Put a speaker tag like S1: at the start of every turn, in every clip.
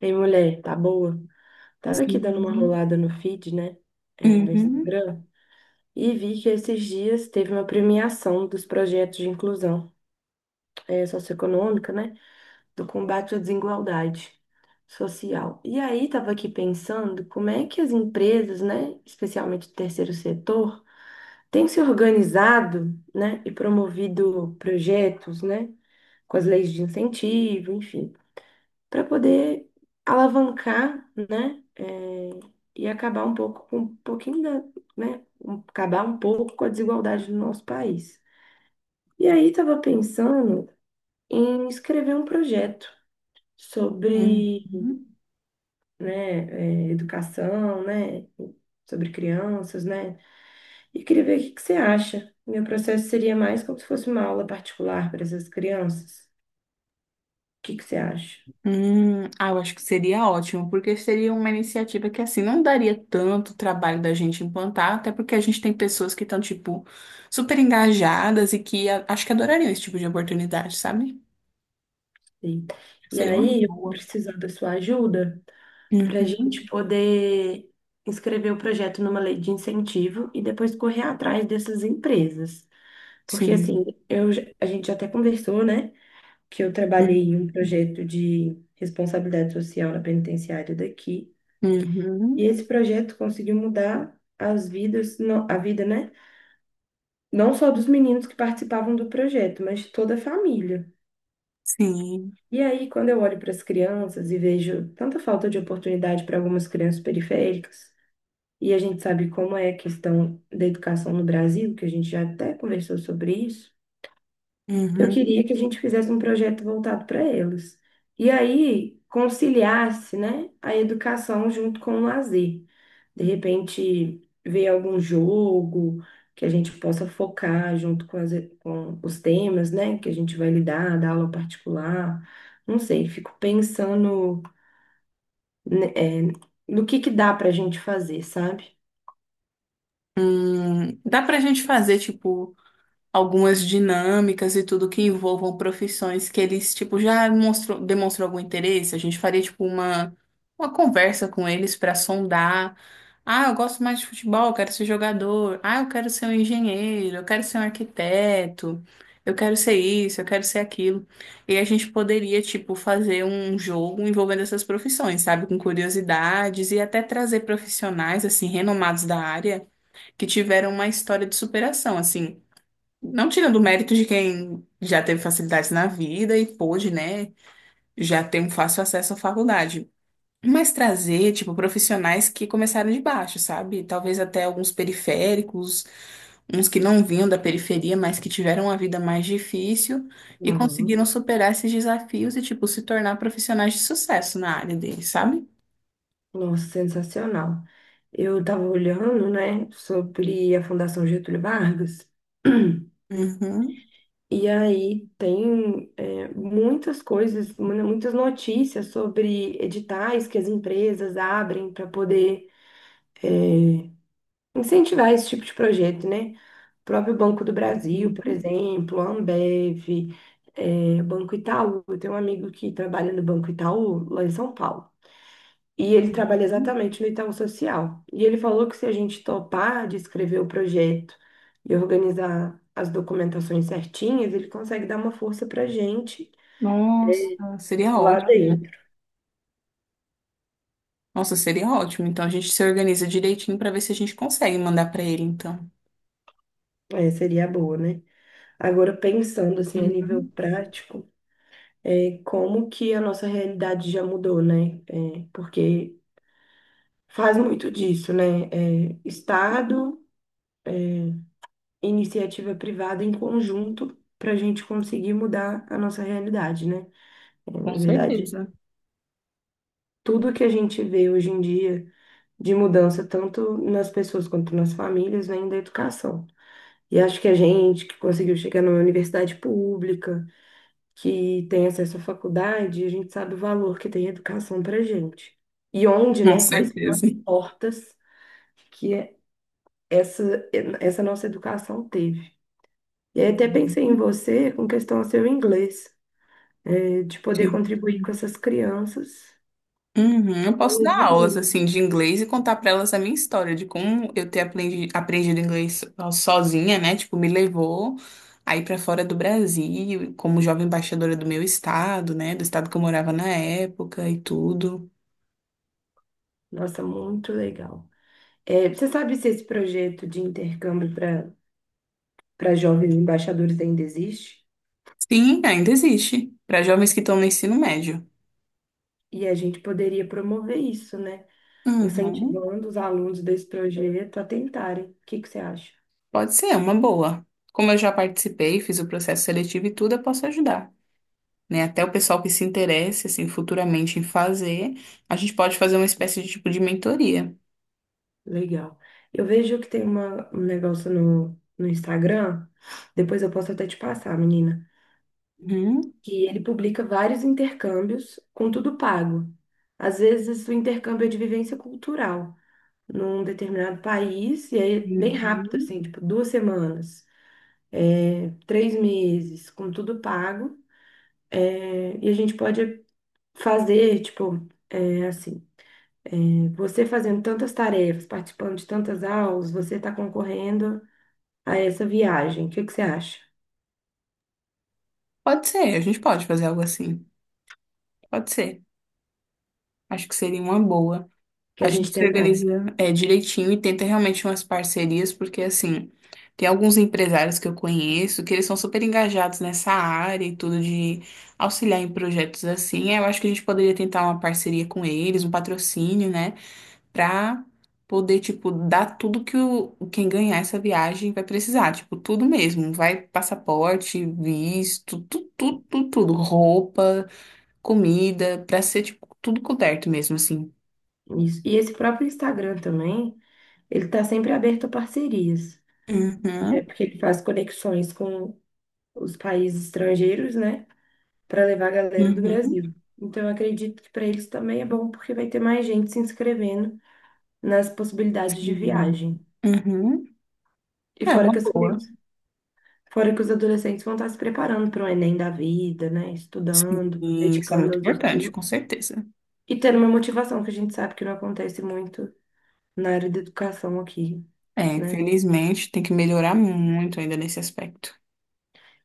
S1: Ei, mulher, tá boa? Tava aqui dando uma
S2: Sim.
S1: rolada no feed, né, do
S2: Uhum.
S1: Instagram, e vi que esses dias teve uma premiação dos projetos de inclusão socioeconômica, né, do combate à desigualdade social. E aí tava aqui pensando como é que as empresas, né, especialmente do terceiro setor, têm se organizado, né, e promovido projetos, né, com as leis de incentivo, enfim, para poder alavancar, né? E acabar um pouco com um pouquinho da, Acabar um pouco com a desigualdade do nosso país. E aí estava pensando em escrever um projeto
S2: Uhum.
S1: sobre, né, educação, né? Sobre crianças, né? E queria ver o que que você acha. Meu processo seria mais como se fosse uma aula particular para essas crianças. O que que você acha?
S2: Ah, eu acho que seria ótimo, porque seria uma iniciativa que assim não daria tanto trabalho da gente implantar, até porque a gente tem pessoas que estão, tipo, super engajadas e que acho que adorariam esse tipo de oportunidade, sabe?
S1: E e
S2: Seria uma
S1: aí, eu vou
S2: boa.
S1: precisar da sua ajuda para a gente
S2: Uhum.
S1: poder inscrever o projeto numa lei de incentivo e depois correr atrás dessas empresas. Porque, assim,
S2: Sim.
S1: a gente até conversou, né, que eu trabalhei em
S2: Uhum.
S1: um projeto de responsabilidade social na penitenciária daqui.
S2: Uhum.
S1: E esse projeto conseguiu mudar as vidas, não- a vida, né? Não só dos meninos que participavam do projeto, mas de toda a família.
S2: Sim.
S1: E aí, quando eu olho para as crianças e vejo tanta falta de oportunidade para algumas crianças periféricas, e a gente sabe como é a questão da educação no Brasil, que a gente já até conversou sobre isso. Eu
S2: Uhum.
S1: queria que a gente fizesse um projeto voltado para elas. E aí conciliasse, né, a educação junto com o lazer. De repente, ver algum jogo que a gente possa focar junto com, com os temas, né, que a gente vai lidar, da aula particular. Não sei, fico pensando, né, no que dá para a gente fazer, sabe?
S2: Dá pra gente fazer, tipo, algumas dinâmicas e tudo que envolvam profissões que eles, tipo, já mostrou, demonstrou algum interesse. A gente faria, tipo, uma conversa com eles para sondar. Ah, eu gosto mais de futebol, eu quero ser jogador. Ah, eu quero ser um engenheiro, eu quero ser um arquiteto, eu quero ser isso, eu quero ser aquilo. E a gente poderia, tipo, fazer um jogo envolvendo essas profissões, sabe? Com curiosidades e até trazer profissionais, assim, renomados da área que tiveram uma história de superação, assim. Não tirando o mérito de quem já teve facilidades na vida e pôde, né, já ter um fácil acesso à faculdade. Mas trazer, tipo, profissionais que começaram de baixo, sabe? Talvez até alguns periféricos, uns que não vinham da periferia, mas que tiveram uma vida mais difícil e
S1: Aham.
S2: conseguiram superar esses desafios e, tipo, se tornar profissionais de sucesso na área deles, sabe?
S1: Nossa, sensacional. Eu estava olhando, né, sobre a Fundação Getúlio Vargas,
S2: Uhum.
S1: e aí tem, muitas coisas, né, muitas notícias sobre editais que as empresas abrem para poder é, incentivar esse tipo de projeto, né? O próprio Banco do Brasil, por
S2: Uhum.
S1: exemplo, a Ambev, Banco Itaú. Eu tenho um amigo que trabalha no Banco Itaú, lá em São Paulo. E ele trabalha exatamente no Itaú Social. E ele falou que, se a gente topar de escrever o projeto e organizar as documentações certinhas, ele consegue dar uma força pra gente
S2: Nossa, seria
S1: lá
S2: ótimo,
S1: dentro.
S2: Nossa, seria ótimo. Então a gente se organiza direitinho para ver se a gente consegue mandar para ele, então.
S1: É, seria boa, né? Agora, pensando assim a nível
S2: Uhum,
S1: prático, como que a nossa realidade já mudou, né? É, porque faz muito disso, né? É, Estado, iniciativa privada em conjunto para a gente conseguir mudar a nossa realidade, né? Na
S2: com
S1: verdade,
S2: certeza.
S1: tudo que a gente vê hoje em dia de mudança, tanto nas pessoas quanto nas famílias, vem da educação. E acho que a gente que conseguiu chegar numa universidade pública, que tem acesso à faculdade, a gente sabe o valor que tem a educação para a gente. E onde,
S2: Com
S1: né, quais são as
S2: certeza.
S1: portas que essa, essa nossa educação teve. E aí até pensei em
S2: Uhum,
S1: você com questão ao seu inglês, de poder
S2: sim.
S1: contribuir com essas crianças.
S2: Uhum, eu posso
S1: Aulas
S2: dar
S1: de
S2: aulas
S1: inglês.
S2: assim de inglês e contar para elas a minha história de como eu ter aprendido inglês sozinha, né? Tipo, me levou aí para fora do Brasil, como jovem embaixadora do meu estado, né? Do estado que eu morava na época e tudo.
S1: Nossa, muito legal. É, você sabe se esse projeto de intercâmbio para jovens embaixadores ainda existe?
S2: Sim, ainda existe para jovens que estão no ensino médio.
S1: E a gente poderia promover isso, né?
S2: Uhum.
S1: Incentivando os alunos desse projeto a tentarem. O que que você acha?
S2: Pode ser, uma boa. Como eu já participei, fiz o processo seletivo e tudo, eu posso ajudar. Né? Até o pessoal que se interesse, assim, futuramente em fazer, a gente pode fazer uma espécie de tipo de mentoria.
S1: Legal. Eu vejo que tem um negócio no Instagram, depois eu posso até te passar, menina,
S2: Uhum.
S1: que ele publica vários intercâmbios com tudo pago. Às vezes o intercâmbio é de vivência cultural num determinado país, e aí é bem rápido,
S2: Uhum.
S1: assim, tipo duas semanas. É, três meses, com tudo pago. É, e a gente pode fazer, tipo, é, assim, você fazendo tantas tarefas, participando de tantas aulas, você está concorrendo a essa viagem. O que que você acha?
S2: Pode ser, a gente pode fazer algo assim. Pode ser. Acho que seria uma boa.
S1: Que
S2: A
S1: a gente
S2: gente se
S1: tentaria
S2: organiza é, direitinho e tenta realmente umas parcerias, porque assim, tem alguns empresários que eu conheço que eles são super engajados nessa área e tudo de auxiliar em projetos assim. Eu acho que a gente poderia tentar uma parceria com eles, um patrocínio, né? Pra poder, tipo, dar tudo que o, quem ganhar essa viagem vai precisar. Tipo, tudo mesmo. Vai passaporte, visto, tudo, tudo, tudo, tudo. Roupa, comida, pra ser, tipo, tudo coberto mesmo, assim.
S1: isso. E esse próprio Instagram também, ele está sempre aberto a parcerias. É
S2: Uhum.
S1: porque ele faz conexões com os países estrangeiros, né? Para levar a galera do
S2: Uhum,
S1: Brasil. Então, eu acredito que para eles também é bom, porque vai ter mais gente se inscrevendo nas possibilidades de
S2: sim.
S1: viagem.
S2: Uhum.
S1: E
S2: É
S1: fora
S2: uma
S1: que as
S2: boa.
S1: crianças, fora que os adolescentes vão estar se preparando para o Enem da vida, né?
S2: Sim,
S1: Estudando,
S2: isso é
S1: dedicando
S2: muito
S1: aos
S2: importante, com
S1: estudos
S2: certeza.
S1: e tendo uma motivação que a gente sabe que não acontece muito na área da educação aqui,
S2: É,
S1: né?
S2: infelizmente, tem que melhorar muito ainda nesse aspecto.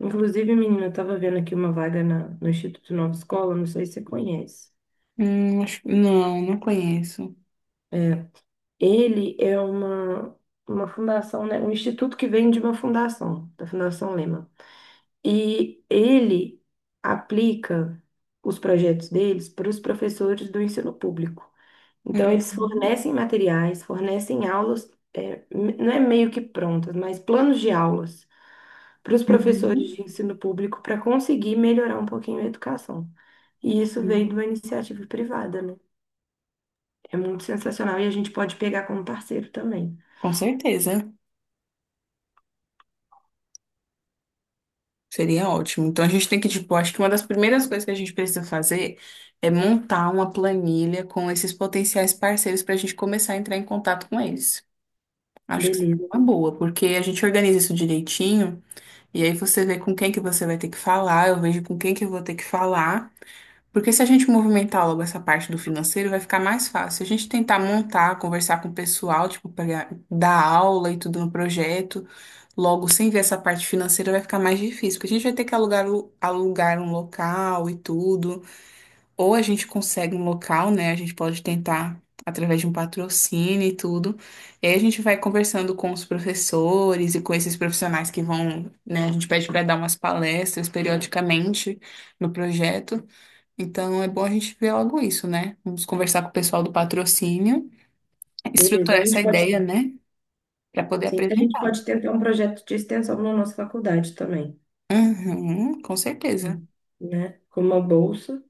S1: Inclusive, menina, eu estava vendo aqui uma vaga no Instituto Nova Escola, não sei se você conhece.
S2: Acho, não, não conheço.
S1: É, ele é uma fundação, né? Um instituto que vem de uma fundação, da Fundação Lema. E ele aplica os projetos deles para os professores do ensino público. Então, eles
S2: Uhum,
S1: fornecem materiais, fornecem aulas, não é meio que prontas, mas planos de aulas para os professores
S2: uhum,
S1: de ensino público para conseguir melhorar um pouquinho a educação. E isso veio
S2: sim.
S1: de uma iniciativa privada, né? É muito sensacional e a gente pode pegar como parceiro também.
S2: Com certeza. Seria ótimo. Então a gente tem que, tipo, acho que uma das primeiras coisas que a gente precisa fazer é montar uma planilha com esses potenciais parceiros para a gente começar a entrar em contato com eles. Acho que seria
S1: Beleza,
S2: uma boa, porque a gente organiza isso direitinho. E aí você vê com quem que você vai ter que falar, eu vejo com quem que eu vou ter que falar. Porque se a gente movimentar logo essa parte do financeiro, vai ficar mais fácil. Se a gente tentar montar, conversar com o pessoal, tipo, pegar, dar aula e tudo no projeto, logo sem ver essa parte financeira, vai ficar mais difícil. Porque a gente vai ter que alugar, alugar um local e tudo. Ou a gente consegue um local, né? A gente pode tentar através de um patrocínio e tudo. E aí a gente vai conversando com os professores e com esses profissionais que vão, né? A gente pede para dar umas palestras periodicamente no projeto. Então é bom a gente ver logo isso, né? Vamos conversar com o pessoal do patrocínio,
S1: beleza. A
S2: estruturar essa
S1: gente pode,
S2: ideia, né? Para poder
S1: sim, a gente
S2: apresentar.
S1: pode tentar um projeto de extensão na nossa faculdade também,
S2: Uhum, com certeza.
S1: né, com uma bolsa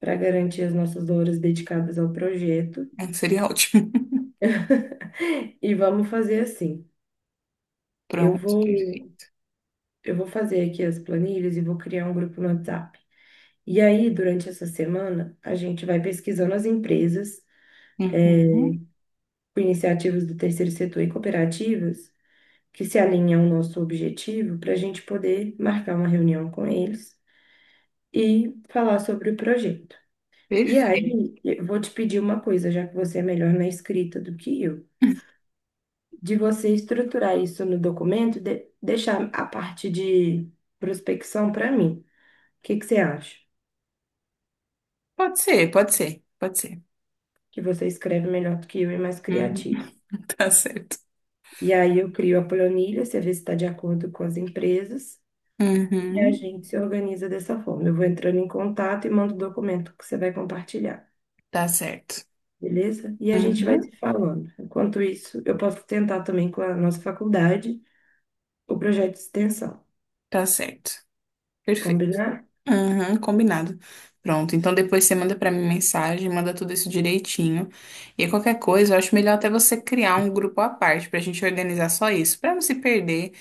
S1: para garantir as nossas horas dedicadas ao projeto.
S2: É, seria ótimo.
S1: E vamos fazer assim. Eu
S2: Pronto,
S1: vou,
S2: perfeito.
S1: eu vou fazer aqui as planilhas e vou criar um grupo no WhatsApp. E aí, durante essa semana, a gente vai pesquisando as empresas
S2: Uhum,
S1: com iniciativas do terceiro setor e cooperativas que se alinham ao nosso objetivo para a gente poder marcar uma reunião com eles e falar sobre o projeto. E
S2: perfeito.
S1: aí, eu vou te pedir uma coisa, já que você é melhor na escrita do que eu, de você estruturar isso no documento, deixar a parte de prospecção para mim. O que que você acha?
S2: Pode ser, pode ser, pode ser.
S1: Que você escreve melhor do que eu e mais
S2: Uhum.
S1: criativo.
S2: Tá certo.
S1: E aí eu crio a planilha, você vê se está de acordo com as empresas e a
S2: Uhum.
S1: gente se organiza dessa forma. Eu vou entrando em contato e mando o documento que você vai compartilhar,
S2: Tá certo.
S1: beleza? E a gente vai
S2: Uhum.
S1: se falando. Enquanto isso, eu posso tentar também com a nossa faculdade o projeto de extensão.
S2: Tá certo. Perfeito.
S1: Combinar?
S2: Uhum. Combinado. Pronto. Então depois você manda pra mim mensagem, manda tudo isso direitinho. E qualquer coisa, eu acho melhor até você criar um grupo à parte pra gente organizar só isso, pra não se perder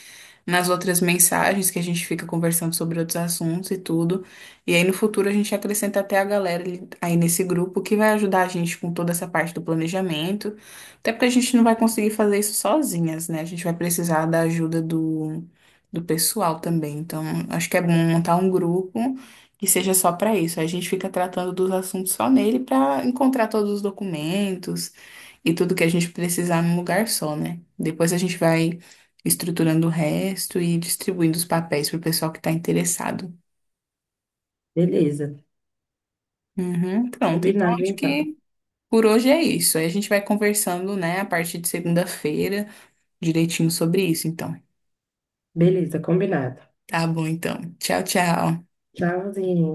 S2: nas outras mensagens que a gente fica conversando sobre outros assuntos e tudo. E aí no futuro a gente acrescenta até a galera aí nesse grupo que vai ajudar a gente com toda essa parte do planejamento. Até porque a gente não vai conseguir fazer isso sozinhas, né? A gente vai precisar da ajuda do pessoal também. Então, acho que é bom montar um grupo que seja só para isso. A gente fica tratando dos assuntos só nele para encontrar todos os documentos e tudo que a gente precisar num lugar só, né? Depois a gente vai estruturando o resto e distribuindo os papéis para o pessoal que está interessado.
S1: Beleza.
S2: Uhum, pronto, então
S1: Combinado,
S2: acho
S1: então.
S2: que por hoje é isso. Aí a gente vai conversando, né, a partir de segunda-feira, direitinho sobre isso, então.
S1: Beleza, combinado.
S2: Tá bom, então. Tchau, tchau.
S1: Tchauzinho.